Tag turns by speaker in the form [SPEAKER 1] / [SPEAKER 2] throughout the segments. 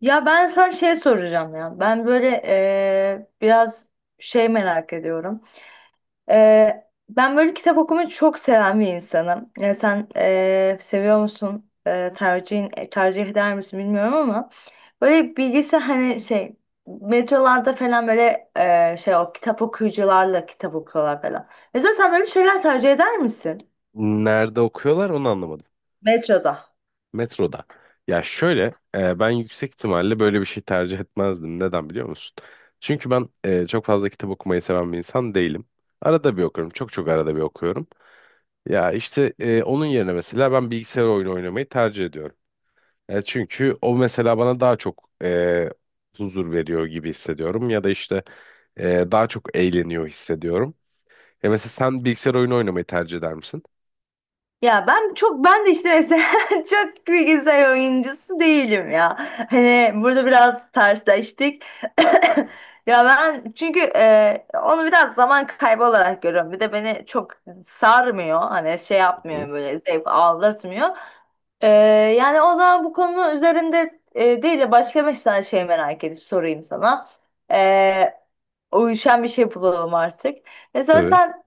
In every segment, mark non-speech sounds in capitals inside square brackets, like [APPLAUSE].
[SPEAKER 1] Ya ben sana şey soracağım ya. Ben böyle biraz şey merak ediyorum. Ben böyle kitap okumayı çok seven bir insanım. Yani sen seviyor musun? Tercihin, tercih eder misin bilmiyorum ama böyle bilgisi hani şey metrolarda falan böyle şey o kitap okuyucularla kitap okuyorlar falan. Mesela sen böyle şeyler tercih eder misin?
[SPEAKER 2] Nerede okuyorlar onu anlamadım.
[SPEAKER 1] Metroda.
[SPEAKER 2] Metroda. Ya şöyle ben yüksek ihtimalle böyle bir şey tercih etmezdim. Neden biliyor musun? Çünkü ben çok fazla kitap okumayı seven bir insan değilim. Arada bir okuyorum. Çok çok arada bir okuyorum. Ya işte onun yerine mesela ben bilgisayar oyunu oynamayı tercih ediyorum. Çünkü o mesela bana daha çok huzur veriyor gibi hissediyorum. Ya da işte daha çok eğleniyor hissediyorum. Mesela sen bilgisayar oyunu oynamayı tercih eder misin?
[SPEAKER 1] Ya ben çok ben de işte mesela [LAUGHS] çok bilgisayar oyuncusu değilim ya. Hani burada biraz tersleştik. [LAUGHS]
[SPEAKER 2] Hı
[SPEAKER 1] [COUGHS]
[SPEAKER 2] hı.
[SPEAKER 1] Ya ben çünkü onu biraz zaman kaybı olarak görüyorum. Bir de beni çok sarmıyor. Hani şey
[SPEAKER 2] Hı hı.
[SPEAKER 1] yapmıyor böyle zevk aldırtmıyor. E, yani o zaman bu konu üzerinde değil de başka beş tane şey merak edip sorayım sana. E, uyuşan bir şey bulalım artık. Mesela
[SPEAKER 2] Tabii.
[SPEAKER 1] sen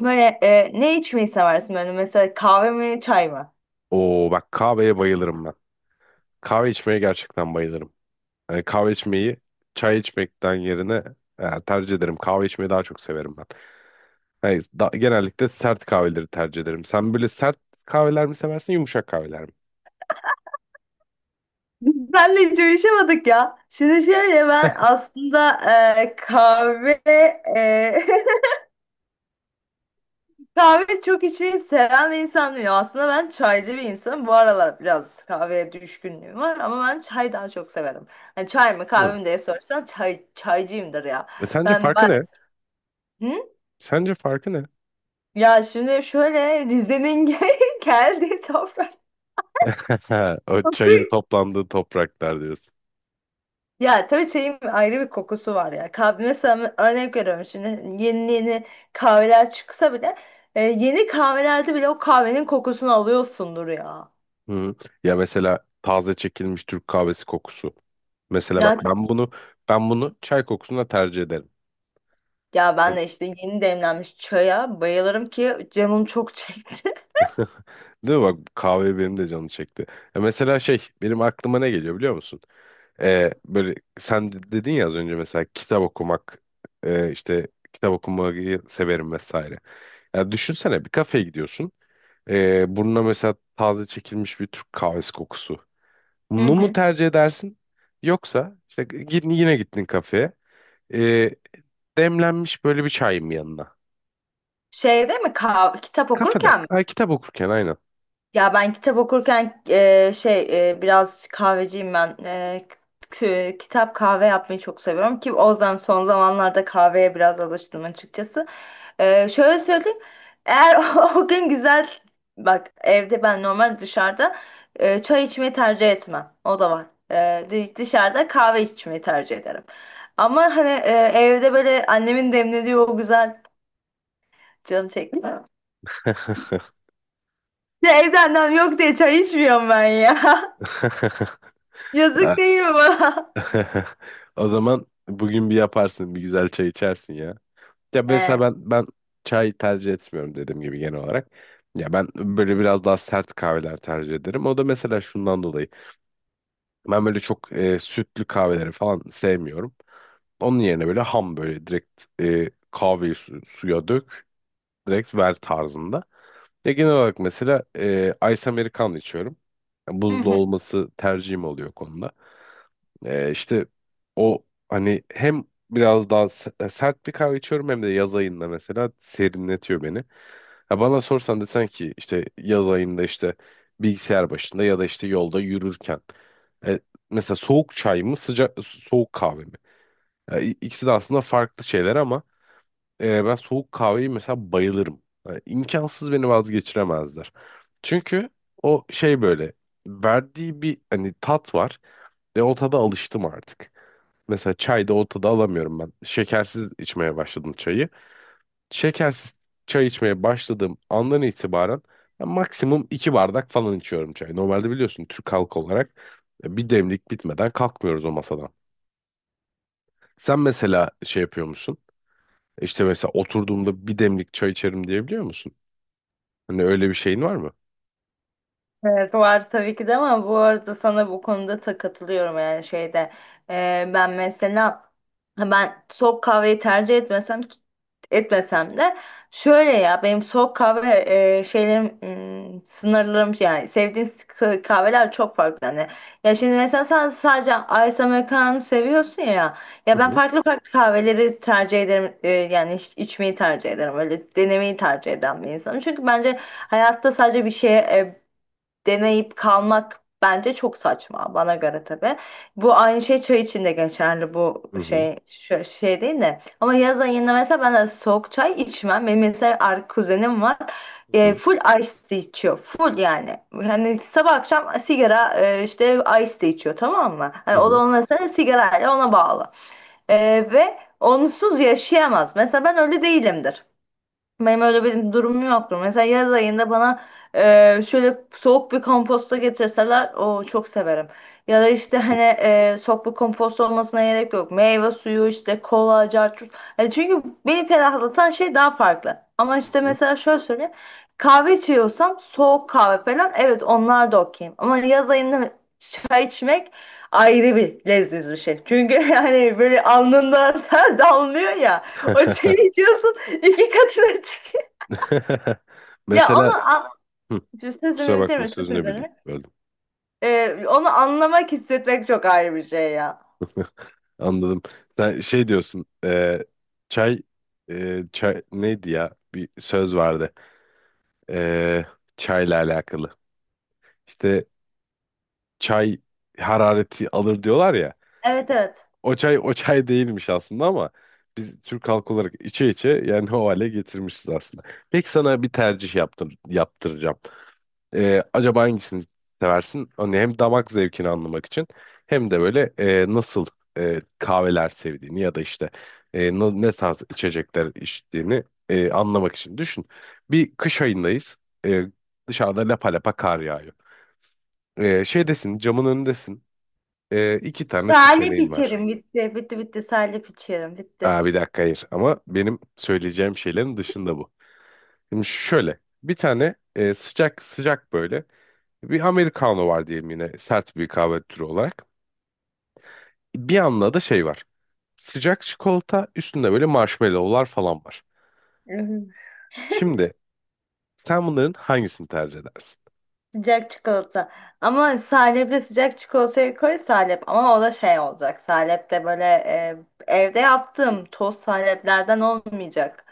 [SPEAKER 1] böyle ne içmeyi seversin böyle mesela kahve mi çay mı?
[SPEAKER 2] Oo bak
[SPEAKER 1] [LAUGHS]
[SPEAKER 2] kahveye bayılırım ben. Kahve içmeye gerçekten bayılırım. Yani kahve içmeyi çay içmekten yerine tercih ederim. Kahve içmeyi daha çok severim ben. Yani genellikle sert kahveleri tercih ederim. Sen böyle sert kahveler mi seversin, yumuşak kahveler mi?
[SPEAKER 1] Biz Senle hiç uyuşamadık ya. Şimdi şöyle ben aslında e, kahve e, [LAUGHS] kahve çok içmeyi seven bir insan değilim. Aslında ben
[SPEAKER 2] Hı
[SPEAKER 1] çaycı bir insanım. Bu aralar biraz kahveye düşkünlüğüm var ama ben çay daha çok severim. Hani çay mı
[SPEAKER 2] hı. Hı.
[SPEAKER 1] kahve mi diye sorsan çay, çaycıyımdır ya.
[SPEAKER 2] Sence
[SPEAKER 1] Ben ba-
[SPEAKER 2] farkı ne?
[SPEAKER 1] Hı?
[SPEAKER 2] Sence farkı ne?
[SPEAKER 1] Ya şimdi şöyle Rize'nin [LAUGHS] gel- geldiği toprak
[SPEAKER 2] [LAUGHS] O
[SPEAKER 1] koku.
[SPEAKER 2] çayın toplandığı topraklar diyorsun.
[SPEAKER 1] Ya tabii çayın ayrı bir kokusu var ya. Kahve mesela örnek veriyorum şimdi yeni yeni kahveler çıksa bile yeni kahvelerde bile o kahvenin kokusunu alıyorsundur ya.
[SPEAKER 2] Hı. Ya mesela taze çekilmiş Türk kahvesi kokusu. Mesela
[SPEAKER 1] Ya,
[SPEAKER 2] bak ben bunu ben bunu çay kokusuna tercih ederim.
[SPEAKER 1] ya ben de işte yeni demlenmiş çaya bayılırım ki canım çok çekti.
[SPEAKER 2] Değil mi? Bak kahve benim de canım çekti. Ya mesela şey benim aklıma ne geliyor biliyor musun? Böyle sen dedin ya az önce mesela kitap okumak işte kitap okumayı severim vesaire. Ya düşünsene bir kafeye gidiyorsun. Burnuna mesela taze çekilmiş bir Türk kahvesi kokusu.
[SPEAKER 1] [LAUGHS] Hı
[SPEAKER 2] Bunu mu
[SPEAKER 1] hı.
[SPEAKER 2] tercih edersin? Yoksa işte git, yine gittin kafeye. Ee, Demlenmiş böyle bir çay mı yanına.
[SPEAKER 1] Şeyde mi kitap
[SPEAKER 2] Kafede.
[SPEAKER 1] okurken mi?
[SPEAKER 2] Ha, kitap okurken aynen.
[SPEAKER 1] Ya ben kitap okurken biraz kahveciyim ben. Kitap kahve yapmayı çok seviyorum ki o yüzden son zamanlarda kahveye biraz alıştım açıkçası. Şöyle söyleyeyim. Eğer [LAUGHS] o gün güzel bak evde ben normal dışarıda çay içmeyi tercih etmem. O da var. Dışarıda kahve içmeyi tercih ederim. Ama hani evde böyle annemin demlediği o güzel canım çekti. [LAUGHS] Ya evde annem yok diye çay içmiyorum ben ya. [LAUGHS] Yazık değil mi bana? [LAUGHS]
[SPEAKER 2] [LAUGHS] O zaman bugün bir yaparsın, bir güzel çay içersin ya. Ya mesela
[SPEAKER 1] Evet.
[SPEAKER 2] ben çay tercih etmiyorum dediğim gibi genel olarak. Ya ben böyle biraz daha sert kahveler tercih ederim. O da mesela şundan dolayı. Ben böyle çok sütlü kahveleri falan sevmiyorum. Onun yerine böyle ham böyle direkt kahveyi suya dök, direkt ver tarzında. Ya genel olarak mesela Ice Americano içiyorum.
[SPEAKER 1] Hı
[SPEAKER 2] Buzlu
[SPEAKER 1] hı.
[SPEAKER 2] olması tercihim oluyor konuda. İşte o hani hem biraz daha sert bir kahve içiyorum hem de yaz ayında mesela serinletiyor beni. Ha bana sorsan desen ki işte yaz ayında işte bilgisayar başında ya da işte yolda yürürken e, mesela soğuk çay mı sıcak soğuk kahve mi? Ya, İkisi de aslında farklı şeyler ama ben soğuk kahveyi mesela bayılırım. Yani imkansız beni vazgeçiremezler. Çünkü o şey böyle verdiği bir hani tat var ve o tada alıştım artık. Mesela çay da ortada alamıyorum ben. Şekersiz içmeye başladım çayı. Şekersiz çay içmeye başladığım andan itibaren ben maksimum 2 bardak falan içiyorum çay. Normalde biliyorsun Türk halkı olarak bir demlik bitmeden kalkmıyoruz o masadan. Sen mesela şey yapıyor musun? İşte mesela oturduğumda bir demlik çay içerim diyebiliyor musun? Hani öyle bir şeyin var mı?
[SPEAKER 1] Evet, var tabii ki de ama bu arada sana bu konuda da katılıyorum yani şeyde. Ben mesela ben soğuk kahveyi tercih etmesem de şöyle ya benim soğuk kahve e, şeylerim sınırlarım yani sevdiğim kahveler çok farklı hani, ya şimdi mesela sen sadece Ice Americano seviyorsun ya, ya
[SPEAKER 2] Hı
[SPEAKER 1] ben
[SPEAKER 2] hı
[SPEAKER 1] farklı farklı kahveleri tercih ederim içmeyi tercih ederim öyle denemeyi tercih eden bir insanım çünkü bence hayatta sadece bir şeye deneyip kalmak bence çok saçma bana göre tabii. Bu aynı şey çay için de geçerli bu
[SPEAKER 2] hı hı
[SPEAKER 1] şey değil de. Ama yaz ayında mesela ben de soğuk çay içmem. Benim mesela kuzenim var.
[SPEAKER 2] hı
[SPEAKER 1] Full ice tea içiyor. Full yani. Hani sabah akşam sigara işte ice tea içiyor tamam mı? Hani
[SPEAKER 2] hı
[SPEAKER 1] o da
[SPEAKER 2] hı
[SPEAKER 1] onun mesela sigarayla ona bağlı. E, ve onsuz yaşayamaz. Mesela ben öyle değilimdir. Benim öyle bir durumum yoktur. Mesela yaz ayında bana şöyle soğuk bir komposta getirseler o çok severim. Ya da işte
[SPEAKER 2] hı.
[SPEAKER 1] hani soğuk bir kompost olmasına gerek yok. Meyve suyu işte kola, carçurt. Yani çünkü beni ferahlatan şey daha farklı. Ama
[SPEAKER 2] Hı
[SPEAKER 1] işte
[SPEAKER 2] hı.
[SPEAKER 1] mesela şöyle söyleyeyim. Kahve içiyorsam soğuk kahve falan evet onlar da okeyim. Ama yaz ayında çay içmek ayrı bir leziz bir şey. Çünkü [LAUGHS] yani böyle alnından [LAUGHS] ter damlıyor ya. O çayı içiyorsun. [LAUGHS] İki katına çıkıyor.
[SPEAKER 2] [LAUGHS]
[SPEAKER 1] Ya onu
[SPEAKER 2] Mesela
[SPEAKER 1] an...
[SPEAKER 2] Hı, kusura
[SPEAKER 1] sözümü
[SPEAKER 2] bakma
[SPEAKER 1] bitirme çok özür
[SPEAKER 2] sözünü
[SPEAKER 1] dilerim.
[SPEAKER 2] böldüm.
[SPEAKER 1] Onu anlamak hissetmek çok ayrı bir şey ya.
[SPEAKER 2] [LAUGHS] Anladım. Sen şey diyorsun. Çay çay neydi ya? Bir söz vardı. E, Çayla alakalı. İşte çay harareti alır diyorlar ya.
[SPEAKER 1] Evet,
[SPEAKER 2] O
[SPEAKER 1] evet.
[SPEAKER 2] o çay o çay değilmiş aslında ama biz Türk halkı olarak içe içe yani o hale getirmişiz aslında. Peki sana bir tercih yaptıracağım. Acaba hangisini seversin? Hani hem damak zevkini anlamak için hem de böyle nasıl kahveler sevdiğini ya da işte ne tarz içecekler içtiğini anlamak için düşün. Bir kış ayındayız. E, Dışarıda lapa lapa kar yağıyor. Şeydesin, camın önündesin. İki tane
[SPEAKER 1] Salep
[SPEAKER 2] seçeneğim var.
[SPEAKER 1] içerim bitti. Bitti, bitti, salep içerim bitti.
[SPEAKER 2] Aa, bir dakika hayır ama benim söyleyeceğim şeylerin dışında bu. Şimdi şöyle bir tane sıcak sıcak böyle bir Americano var diyeyim yine sert bir kahve türü olarak. Bir yanda da şey var. Sıcak çikolata üstünde böyle marshmallowlar falan var.
[SPEAKER 1] Hı hı.
[SPEAKER 2] Şimdi sen bunların hangisini tercih edersin?
[SPEAKER 1] Sıcak çikolata. Ama salepli sıcak çikolatayı koy salep. Ama o da şey olacak. Salep de böyle evde yaptığım toz saleplerden olmayacak.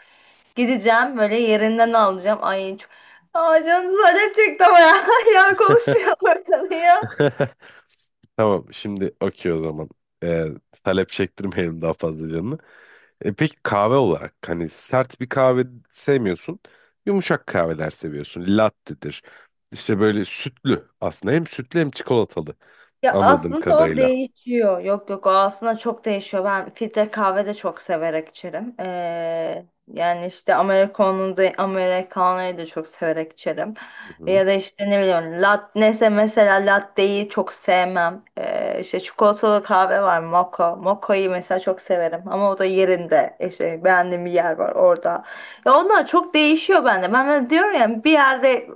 [SPEAKER 1] Gideceğim böyle yerinden alacağım. Ay çok... Aa, canım salep çekti ama ya. [LAUGHS] Ya konuşmayalım böyle ya.
[SPEAKER 2] [LAUGHS] Tamam şimdi okey o zaman. Ee, Talep çektirmeyelim daha fazla canını. Peki kahve olarak hani sert bir kahve sevmiyorsun. Yumuşak kahveler seviyorsun. Latte'dir. İşte böyle sütlü aslında hem sütlü hem çikolatalı
[SPEAKER 1] Ya
[SPEAKER 2] anladığım
[SPEAKER 1] aslında o
[SPEAKER 2] kadarıyla.
[SPEAKER 1] değişiyor. Yok, yok, o aslında çok değişiyor. Ben filtre kahve de çok severek içerim. Yani işte Amerikan'ı da Amerikanayı da çok severek içerim.
[SPEAKER 2] Hı
[SPEAKER 1] Ya da işte ne bileyim lat neyse mesela latteyi çok sevmem. İşte çikolatalı kahve var mocha. Mocha'yı mesela çok severim ama o da
[SPEAKER 2] hı.
[SPEAKER 1] yerinde. İşte beğendiğim bir yer var orada. Ya onlar çok değişiyor bende. Ben diyorum ya bir yerde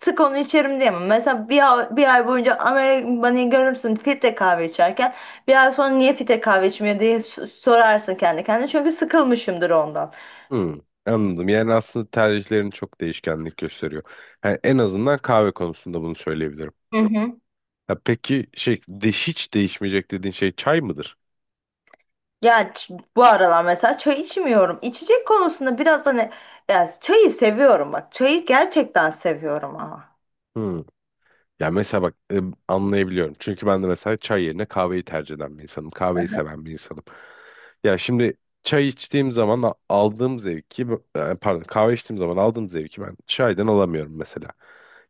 [SPEAKER 1] sık onu içerim diyemem. Mesela bir ay, bir ay boyunca Amerikan Bunny'i görürsün filtre kahve içerken. Bir ay sonra niye filtre kahve içmiyor diye sorarsın kendi kendine. Çünkü sıkılmışımdır ondan.
[SPEAKER 2] Hmm, anladım. Yani aslında tercihlerin çok değişkenlik gösteriyor. Yani en azından kahve konusunda bunu söyleyebilirim.
[SPEAKER 1] Hı hı.
[SPEAKER 2] Ya peki şey de hiç değişmeyecek dediğin şey çay mıdır?
[SPEAKER 1] Bu aralar mesela çay içmiyorum. İçecek konusunda biraz hani, ya çayı seviyorum bak. Çayı gerçekten seviyorum ama.
[SPEAKER 2] Hmm. Ya mesela bak anlayabiliyorum. Çünkü ben de mesela çay yerine kahveyi tercih eden bir insanım. Kahveyi seven bir insanım. Ya şimdi çay içtiğim zaman aldığım zevki, pardon kahve içtiğim zaman aldığım zevki ben çaydan alamıyorum mesela.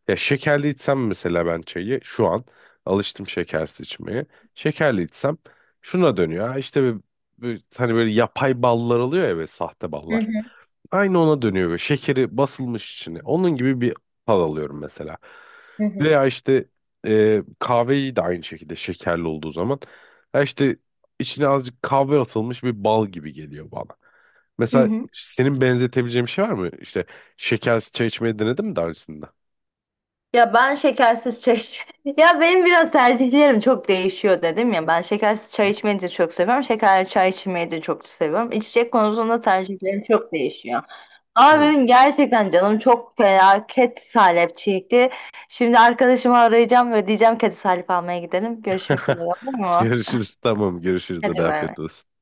[SPEAKER 2] Ya şekerli içsem mesela ben çayı şu an alıştım şekersiz içmeye. Şekerli içsem şuna dönüyor. Ha işte hani böyle yapay ballar oluyor ya böyle sahte
[SPEAKER 1] Hı
[SPEAKER 2] ballar.
[SPEAKER 1] hı.
[SPEAKER 2] Aynı ona dönüyor. Şekeri basılmış içine. Onun gibi bir hal alıyorum mesela.
[SPEAKER 1] Hı hı.
[SPEAKER 2] Veya işte kahveyi de aynı şekilde şekerli olduğu zaman. Ha işte içine azıcık kahve atılmış bir bal gibi geliyor bana.
[SPEAKER 1] Hı
[SPEAKER 2] Mesela
[SPEAKER 1] hı.
[SPEAKER 2] senin benzetebileceğin bir şey var mı? İşte şekersiz çay içmeyi denedin mi daha öncesinde?
[SPEAKER 1] Ya ben şekersiz çay [LAUGHS] ya benim biraz tercihlerim çok değişiyor dedim ya. Ben şekersiz çay içmeyi de çok seviyorum. Şekerli çay içmeyi de çok seviyorum. İçecek konusunda tercihlerim çok değişiyor. Ama
[SPEAKER 2] Hı.
[SPEAKER 1] benim gerçekten canım çok felaket salep çekti. Şimdi arkadaşımı arayacağım ve diyeceğim ki hadi salep almaya gidelim. Görüşmek üzere olur
[SPEAKER 2] [LAUGHS]
[SPEAKER 1] mu?
[SPEAKER 2] Görüşürüz. Tamam görüşürüz.
[SPEAKER 1] Hadi
[SPEAKER 2] De
[SPEAKER 1] bay
[SPEAKER 2] afiyet
[SPEAKER 1] bay.
[SPEAKER 2] olsun.